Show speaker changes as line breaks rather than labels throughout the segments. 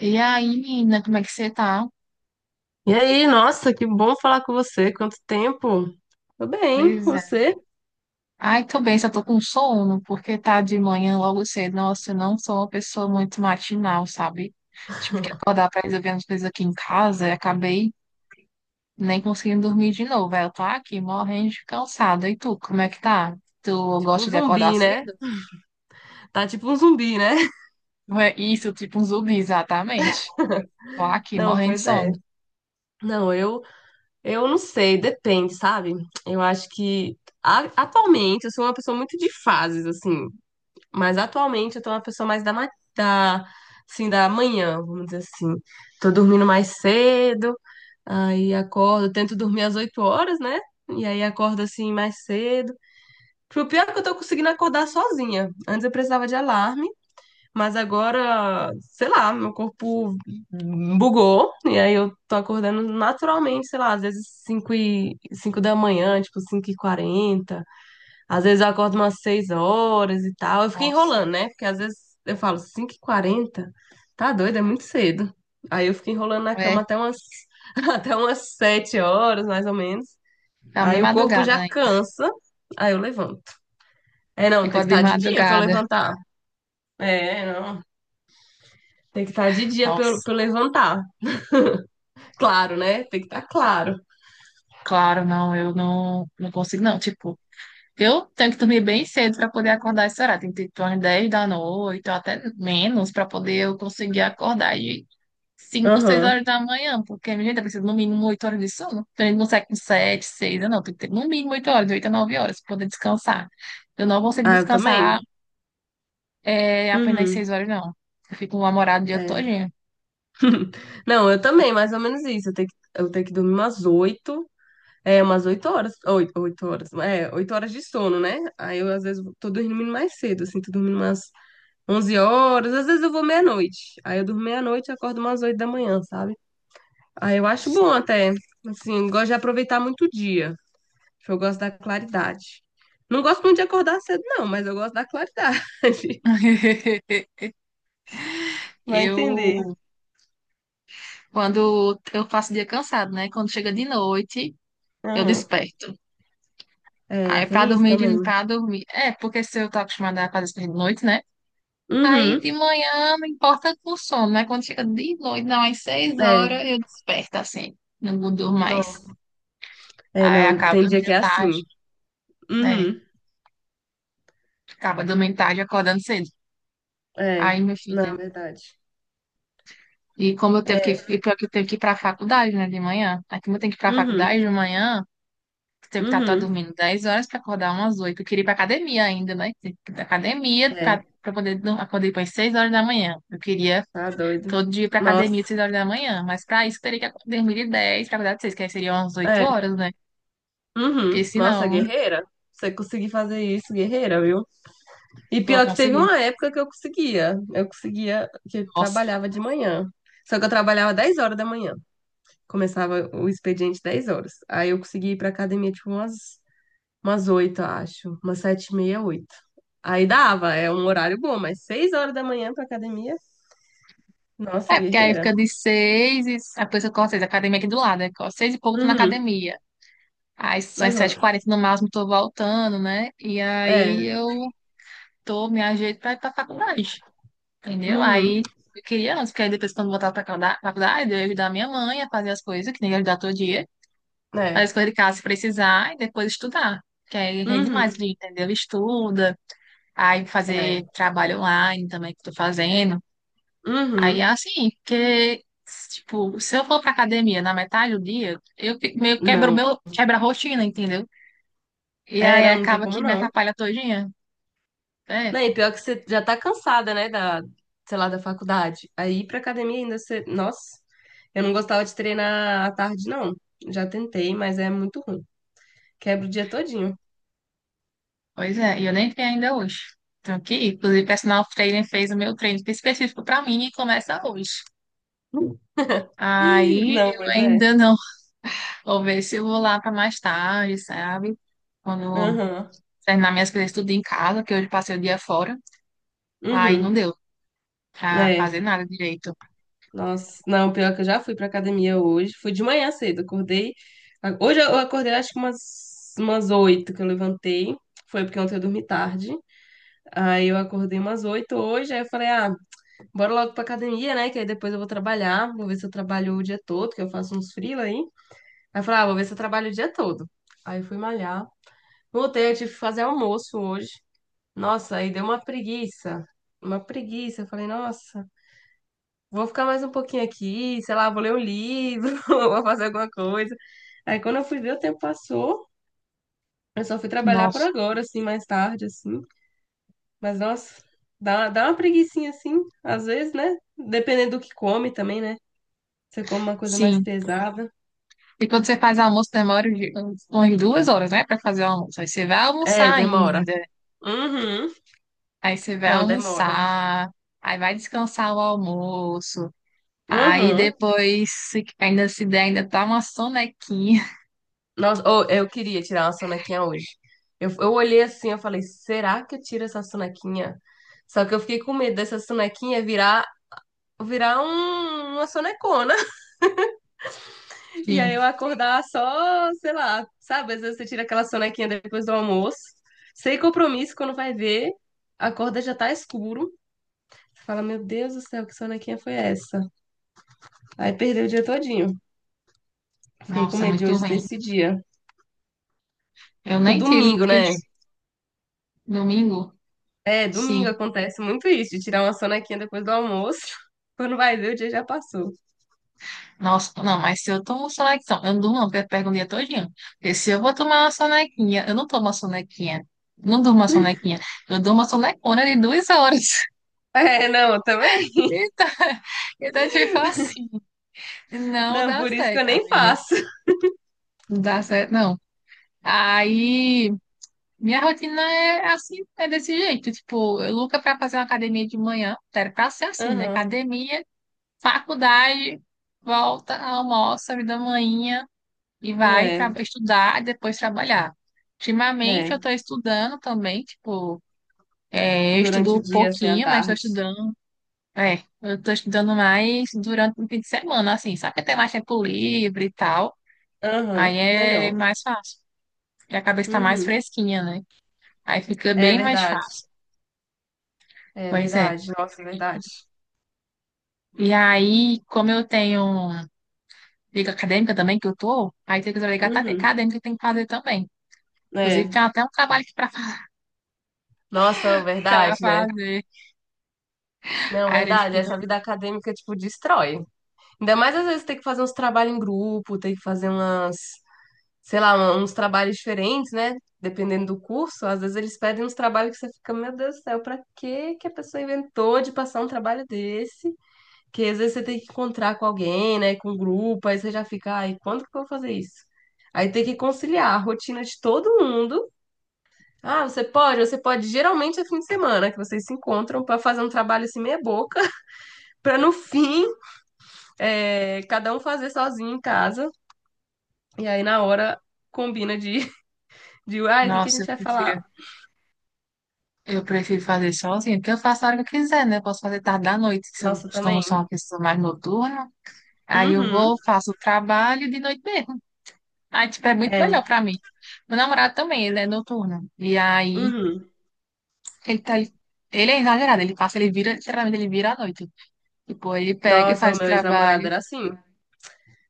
E aí, menina, como é que você tá?
E aí, nossa, que bom falar com você. Quanto tempo? Tô bem,
Pois é.
você?
Ai, tô bem, só tô com sono, porque tá de manhã logo cedo. Nossa, eu não sou uma pessoa muito matinal, sabe? Tive que acordar pra resolver umas coisas aqui em casa e acabei nem conseguindo dormir de novo. Aí eu tô aqui morrendo de cansada. E tu, como é que tá? Tu
Tipo um
gosta de acordar
zumbi, né?
cedo?
Tá tipo um zumbi, né?
Não é isso, tipo um zumbi, exatamente. Tô aqui
Não,
morrendo de
pois é.
sono.
Não, eu não sei, depende, sabe? Eu acho que atualmente eu sou uma pessoa muito de fases, assim. Mas atualmente eu tô uma pessoa mais da assim, da manhã, vamos dizer assim. Tô dormindo mais cedo, aí acordo, tento dormir às 8 horas, né? E aí acordo assim mais cedo. O pior é que eu tô conseguindo acordar sozinha. Antes eu precisava de alarme, mas agora, sei lá, meu corpo bugou. E aí eu tô acordando naturalmente, sei lá, às vezes 5 da manhã, tipo 5h40. Às vezes eu acordo umas 6 horas e tal. Eu fico
Nossa,
enrolando, né? Porque às vezes eu falo 5h40, tá doido, é muito cedo. Aí eu fico enrolando na
é,
cama até umas 7 horas, mais ou menos.
tá
Aí
meio
o corpo já
madrugada ainda.
cansa, aí eu levanto. É, não, tem que
Acordo de
estar de dia pra eu
madrugada.
levantar. É, não. Tem que estar de dia pra eu,
Nossa.
pra eu levantar. Claro, né? Tem que estar claro.
Claro, não, eu não, não consigo, não. Tipo, eu tenho que dormir bem cedo para poder acordar esse horário. Tem que ter tipo, umas 10 da noite, ou até menos, para poder eu conseguir acordar de 5, 6
Aham.
horas da manhã, porque minha gente precisa no mínimo 8 horas de sono. Então a gente não consegue com 7, 6, não. Tem que ter no mínimo 8 horas, de 8 a 9 horas, para poder descansar. Eu não consigo
Ah, eu também?
descansar é, apenas
Uhum.
6 horas, não. Eu fico namorado o dia
É.
todinho.
Não, eu também, mais ou menos isso. Eu tenho que dormir umas oito. É, umas 8 horas. Oito horas. É, 8 horas de sono, né? Aí eu, às vezes, tô dormindo mais cedo, assim, tô dormindo umas 11 horas. Às vezes eu vou meia-noite. Aí eu durmo meia-noite e acordo umas 8 da manhã, sabe? Aí eu acho bom
Sim.
até. Assim, gosto de aproveitar muito o dia. Eu gosto da claridade. Não gosto muito de acordar cedo, não, mas eu gosto da claridade. Vai entender.
Eu Quando eu passo o dia cansado, né? Quando chega de noite, eu
Aham.
desperto.
É,
Aí pra
tem isso
dormir,
também.
de- pra dormir. É, porque se eu tô acostumada a fazer isso de noite, né? Aí de
Uhum.
manhã não importa com o sono, né? Quando chega de noite, não, às seis
É,
horas eu desperto assim. Não durmo mais.
não. É,
Aí
não.
acabo
Tem dia que
dormindo
é assim.
tarde, né?
Uhum.
Acaba dormindo tarde, e acordando cedo.
É,
Aí, minha
na
filha.
verdade.
E como eu tenho que,
É,
e pior que eu tenho que ir pra faculdade, né, de manhã. Aí como eu tenho que ir pra
uhum.
faculdade de manhã. Teve que estar tá
Uhum.
dormindo 10 horas para acordar umas oito. Eu queria ir para academia ainda, né? Tem que ir para academia para
É,
poder, acordar para 6 horas da manhã. Eu queria
tá doido.
todo dia ir para
Nossa.
academia às 6 horas da manhã, mas para isso eu teria que dormir de 10 para acordar de 6, que aí seriam umas oito
É,
horas, né? Porque
uhum. Nossa,
senão, não
guerreira. Você conseguir fazer isso, guerreira, viu? E
vou
pior que teve
conseguir.
uma época que eu conseguia. Eu conseguia, que eu
Nossa.
trabalhava de manhã. Só que eu trabalhava 10 horas da manhã. Começava o expediente 10 horas. Aí eu consegui ir pra academia tipo umas 8 eu acho. Umas 7h30, oito. Aí dava, é um horário bom, mas 6 horas da manhã pra academia. Nossa,
É, porque aí
guerreira.
fica de 6 e a pessoa corre 6, a academia aqui do lado, né? Corre 6 e pouco tô na
Uhum,
academia. Aí são as sete h
uhum.
40 no máximo, tô voltando, né? E aí
É,
me ajeito para ir para faculdade. Entendeu?
uhum,
Aí eu queria antes, porque aí depois, quando voltar pra faculdade, eu ia ajudar minha mãe a fazer as coisas, que nem ia ajudar todo dia, fazer
é,
as coisas de casa se precisar e depois estudar. Que aí rende mais,
uhum,
entendeu? Estuda, aí fazer
é,
trabalho online também que eu tô fazendo. Aí
uhum.
é assim, porque, tipo, se eu for pra academia na metade do dia, eu fi- meio que quebro o
Não.
meu, quebra a rotina, entendeu? E
É,
aí
não, não tem
acaba
como
que me
não.
atrapalha todinha, né?
Não, e pior que você já tá cansada, né, da, sei lá, da faculdade. Aí ir pra academia ainda você. Nossa, eu não gostava de treinar à tarde, não. Já tentei, mas é muito ruim. Quebra o dia todinho.
Pois é, e eu nem entrei ainda hoje. Então, que, inclusive, o personal trainer fez o meu treino específico para mim e começa hoje. Aí
Não,
eu
mas é.
ainda não. Vou ver se eu vou lá para mais tarde, sabe? Quando eu
Aham.
terminar minhas coisas tudo em casa, que hoje passei o dia fora. Aí não
Uhum.
deu pra
É.
fazer nada direito.
Nossa. Não, pior que eu já fui pra academia hoje. Fui de manhã cedo. Acordei. Hoje eu acordei acho que umas 8 que eu levantei. Foi porque ontem eu dormi tarde. Aí eu acordei umas 8 hoje. Aí eu falei, ah, bora logo pra academia, né? Que aí depois eu vou trabalhar. Vou ver se eu trabalho o dia todo, que eu faço uns freela aí. Aí eu falei, ah, vou ver se eu trabalho o dia todo. Aí eu fui malhar. Voltei, eu tive que fazer almoço hoje. Nossa, aí deu uma preguiça. Uma preguiça. Eu falei, nossa, vou ficar mais um pouquinho aqui, sei lá, vou ler um livro, vou fazer alguma coisa. Aí quando eu fui ver, o tempo passou. Eu só fui trabalhar por
Nossa,
agora, assim, mais tarde, assim. Mas, nossa, dá uma preguicinha, assim, às vezes, né? Dependendo do que come também, né? Você come uma coisa mais
sim.
pesada.
E quando você faz almoço, demora umas 2 horas, né, para fazer o almoço. Aí você vai
É,
almoçar
demora.
ainda.
Uhum.
Aí você vai
Não, demora.
almoçar. Aí vai descansar o almoço. Aí
Uhum.
depois, ainda se der, ainda tá uma sonequinha.
Nossa, ô, eu queria tirar uma sonequinha hoje. Eu olhei assim, eu falei, será que eu tiro essa sonequinha? Só que eu fiquei com medo dessa sonequinha virar uma sonecona. E aí eu
Sim.
acordar só, sei lá, sabe? Às vezes você tira aquela sonequinha depois do almoço, sem compromisso, quando vai ver, acorda já tá escuro. Você fala, meu Deus do céu, que sonequinha foi essa? Aí perdeu o dia todinho. Fiquei com
Nossa, é
medo de
muito
hoje ser
ruim.
esse dia.
Eu
Pro
nem tiro,
domingo,
porque
né?
domingo,
É, domingo
sim.
acontece muito isso, de tirar uma sonequinha depois do almoço. Quando vai ver, o dia já passou.
Nossa, não, mas se eu tomo sonequinha, eu não durmo, não, porque eu pego o dia todinho. Porque se eu vou tomar uma sonequinha, eu não tomo uma sonequinha. Não durmo uma sonequinha. Eu durmo uma sonecona de 2 horas.
É, não, eu também.
Eita, então, tipo assim, não
Não,
dá
por isso que eu
certo,
nem
amiga.
faço.
Não dá certo, não. Aí. Minha rotina é assim, é desse jeito. Tipo, eu Luca pra fazer uma academia de manhã, era pra ser assim, né?
Aham.
Academia, faculdade, volta, almoça, vida manhinha e vai
É,
estudar e depois trabalhar. Ultimamente eu tô
é.
estudando também, tipo, é, eu estudo
Durante o
um
dia, assim, à
pouquinho, mas tô
tarde.
estudando. É, eu tô estudando mais durante o fim de semana, assim, sabe que tem mais tempo livre e tal. Aí
Aham,
é
melhor.
mais fácil, porque a cabeça tá mais
Uhum.
fresquinha, né? Aí fica
É
bem mais
verdade.
fácil.
É
Pois é.
verdade. Nossa, é verdade.
E aí, como eu tenho liga acadêmica também, que eu tô, aí tem que ligar tá,
Uhum.
acadêmica que tem que fazer também. Inclusive,
É.
tem até um trabalho aqui
Nossa,
pra
verdade, né?
fazer.
Não,
Aí a gente
verdade.
fica,
Essa vida acadêmica, tipo, destrói. Ainda mais às vezes tem que fazer uns trabalhos em grupo, tem que fazer umas. Sei lá, uns trabalhos diferentes, né? Dependendo do curso, às vezes eles pedem uns trabalhos que você fica, meu Deus do céu, pra que que a pessoa inventou de passar um trabalho desse? Que às vezes você tem que encontrar com alguém, né? Com um grupo, aí você já fica, ai, quando que eu vou fazer isso? Aí tem que conciliar a rotina de todo mundo. Ah, geralmente é fim de semana que vocês se encontram pra fazer um trabalho assim meia boca, pra no fim, é, cada um fazer sozinho em casa. E aí na hora combina de, de, ai, o que que a
nossa,
gente
eu
vai falar?
prefiro, eu prefiro fazer sozinha, porque eu faço a hora que eu quiser, né? Eu posso fazer tarde da noite, se eu,
Nossa,
como sou
também.
uma pessoa mais noturna. Aí eu
Uhum.
vou, faço o trabalho de noite mesmo. Aí, tipo, é muito
É,
melhor pra mim. Meu namorado também, ele é noturno. E aí,
uhum.
ele é exagerado, ele passa, ele vira, literalmente, ele vira à noite. Tipo, ele pega e
Nossa, o
faz o
meu ex-namorado
trabalho.
era assim.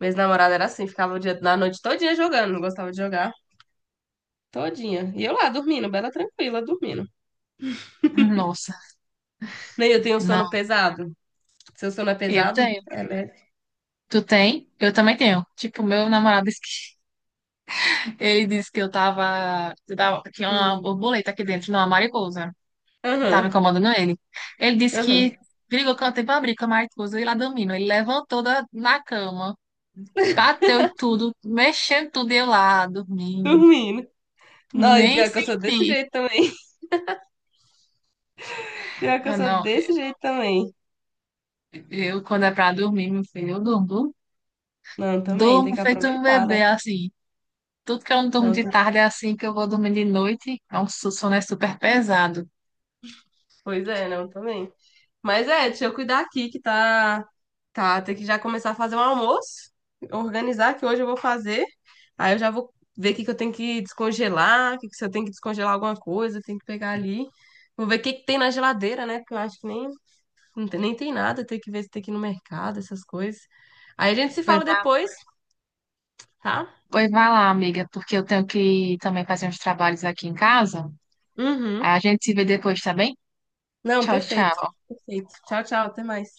Meu ex-namorado era assim, ficava o dia, na noite todinha jogando, não gostava de jogar. Todinha. E eu lá, dormindo, bela tranquila, dormindo.
Nossa,
Nem eu tenho um sono
não,
pesado. Seu sono é
eu
pesado?
tenho.
É leve.
Tu tem? Eu também tenho. Tipo, meu namorado disse que, ele disse que tinha uma
Hum.
borboleta aqui dentro, não, uma mariposa. Tava
Aham,
incomodando ele. Ele disse
aham.
que brigou com a tempo abrir com a mariposa e lá dormindo. Ele levantou na cama, bateu e tudo, mexendo tudo e eu lá, dormindo.
Dormindo. Não, e
Nem
pior que eu sou desse
senti.
jeito também. Pior que eu
Eu
sou
não,
desse jeito também.
eu quando é pra dormir, meu filho, eu durmo.
Não, também, tem
Durmo
que
feito um
aproveitar,
bebê,
né?
assim. Tudo que eu não durmo
Não,
de tarde é assim que eu vou dormir de noite. É um sono é super pesado.
pois é, não, também. Mas é, deixa eu cuidar aqui que tá. Tá, tem que já começar a fazer um almoço, organizar que hoje eu vou fazer. Aí eu já vou ver o que que eu tenho que descongelar, que se eu tenho que descongelar alguma coisa, tenho que pegar ali. Vou ver o que que tem na geladeira, né? Porque eu acho que nem, não tem, nem tem nada, tem que ver se tem que ir no mercado, essas coisas. Aí a gente se
Pois
fala
vá,
depois, tá?
pois vá lá, amiga, porque eu tenho que também fazer uns trabalhos aqui em casa.
Uhum.
A gente se vê depois, tá bem?
Não,
Tchau,
perfeito.
tchau.
Perfeito. Tchau, tchau, até mais.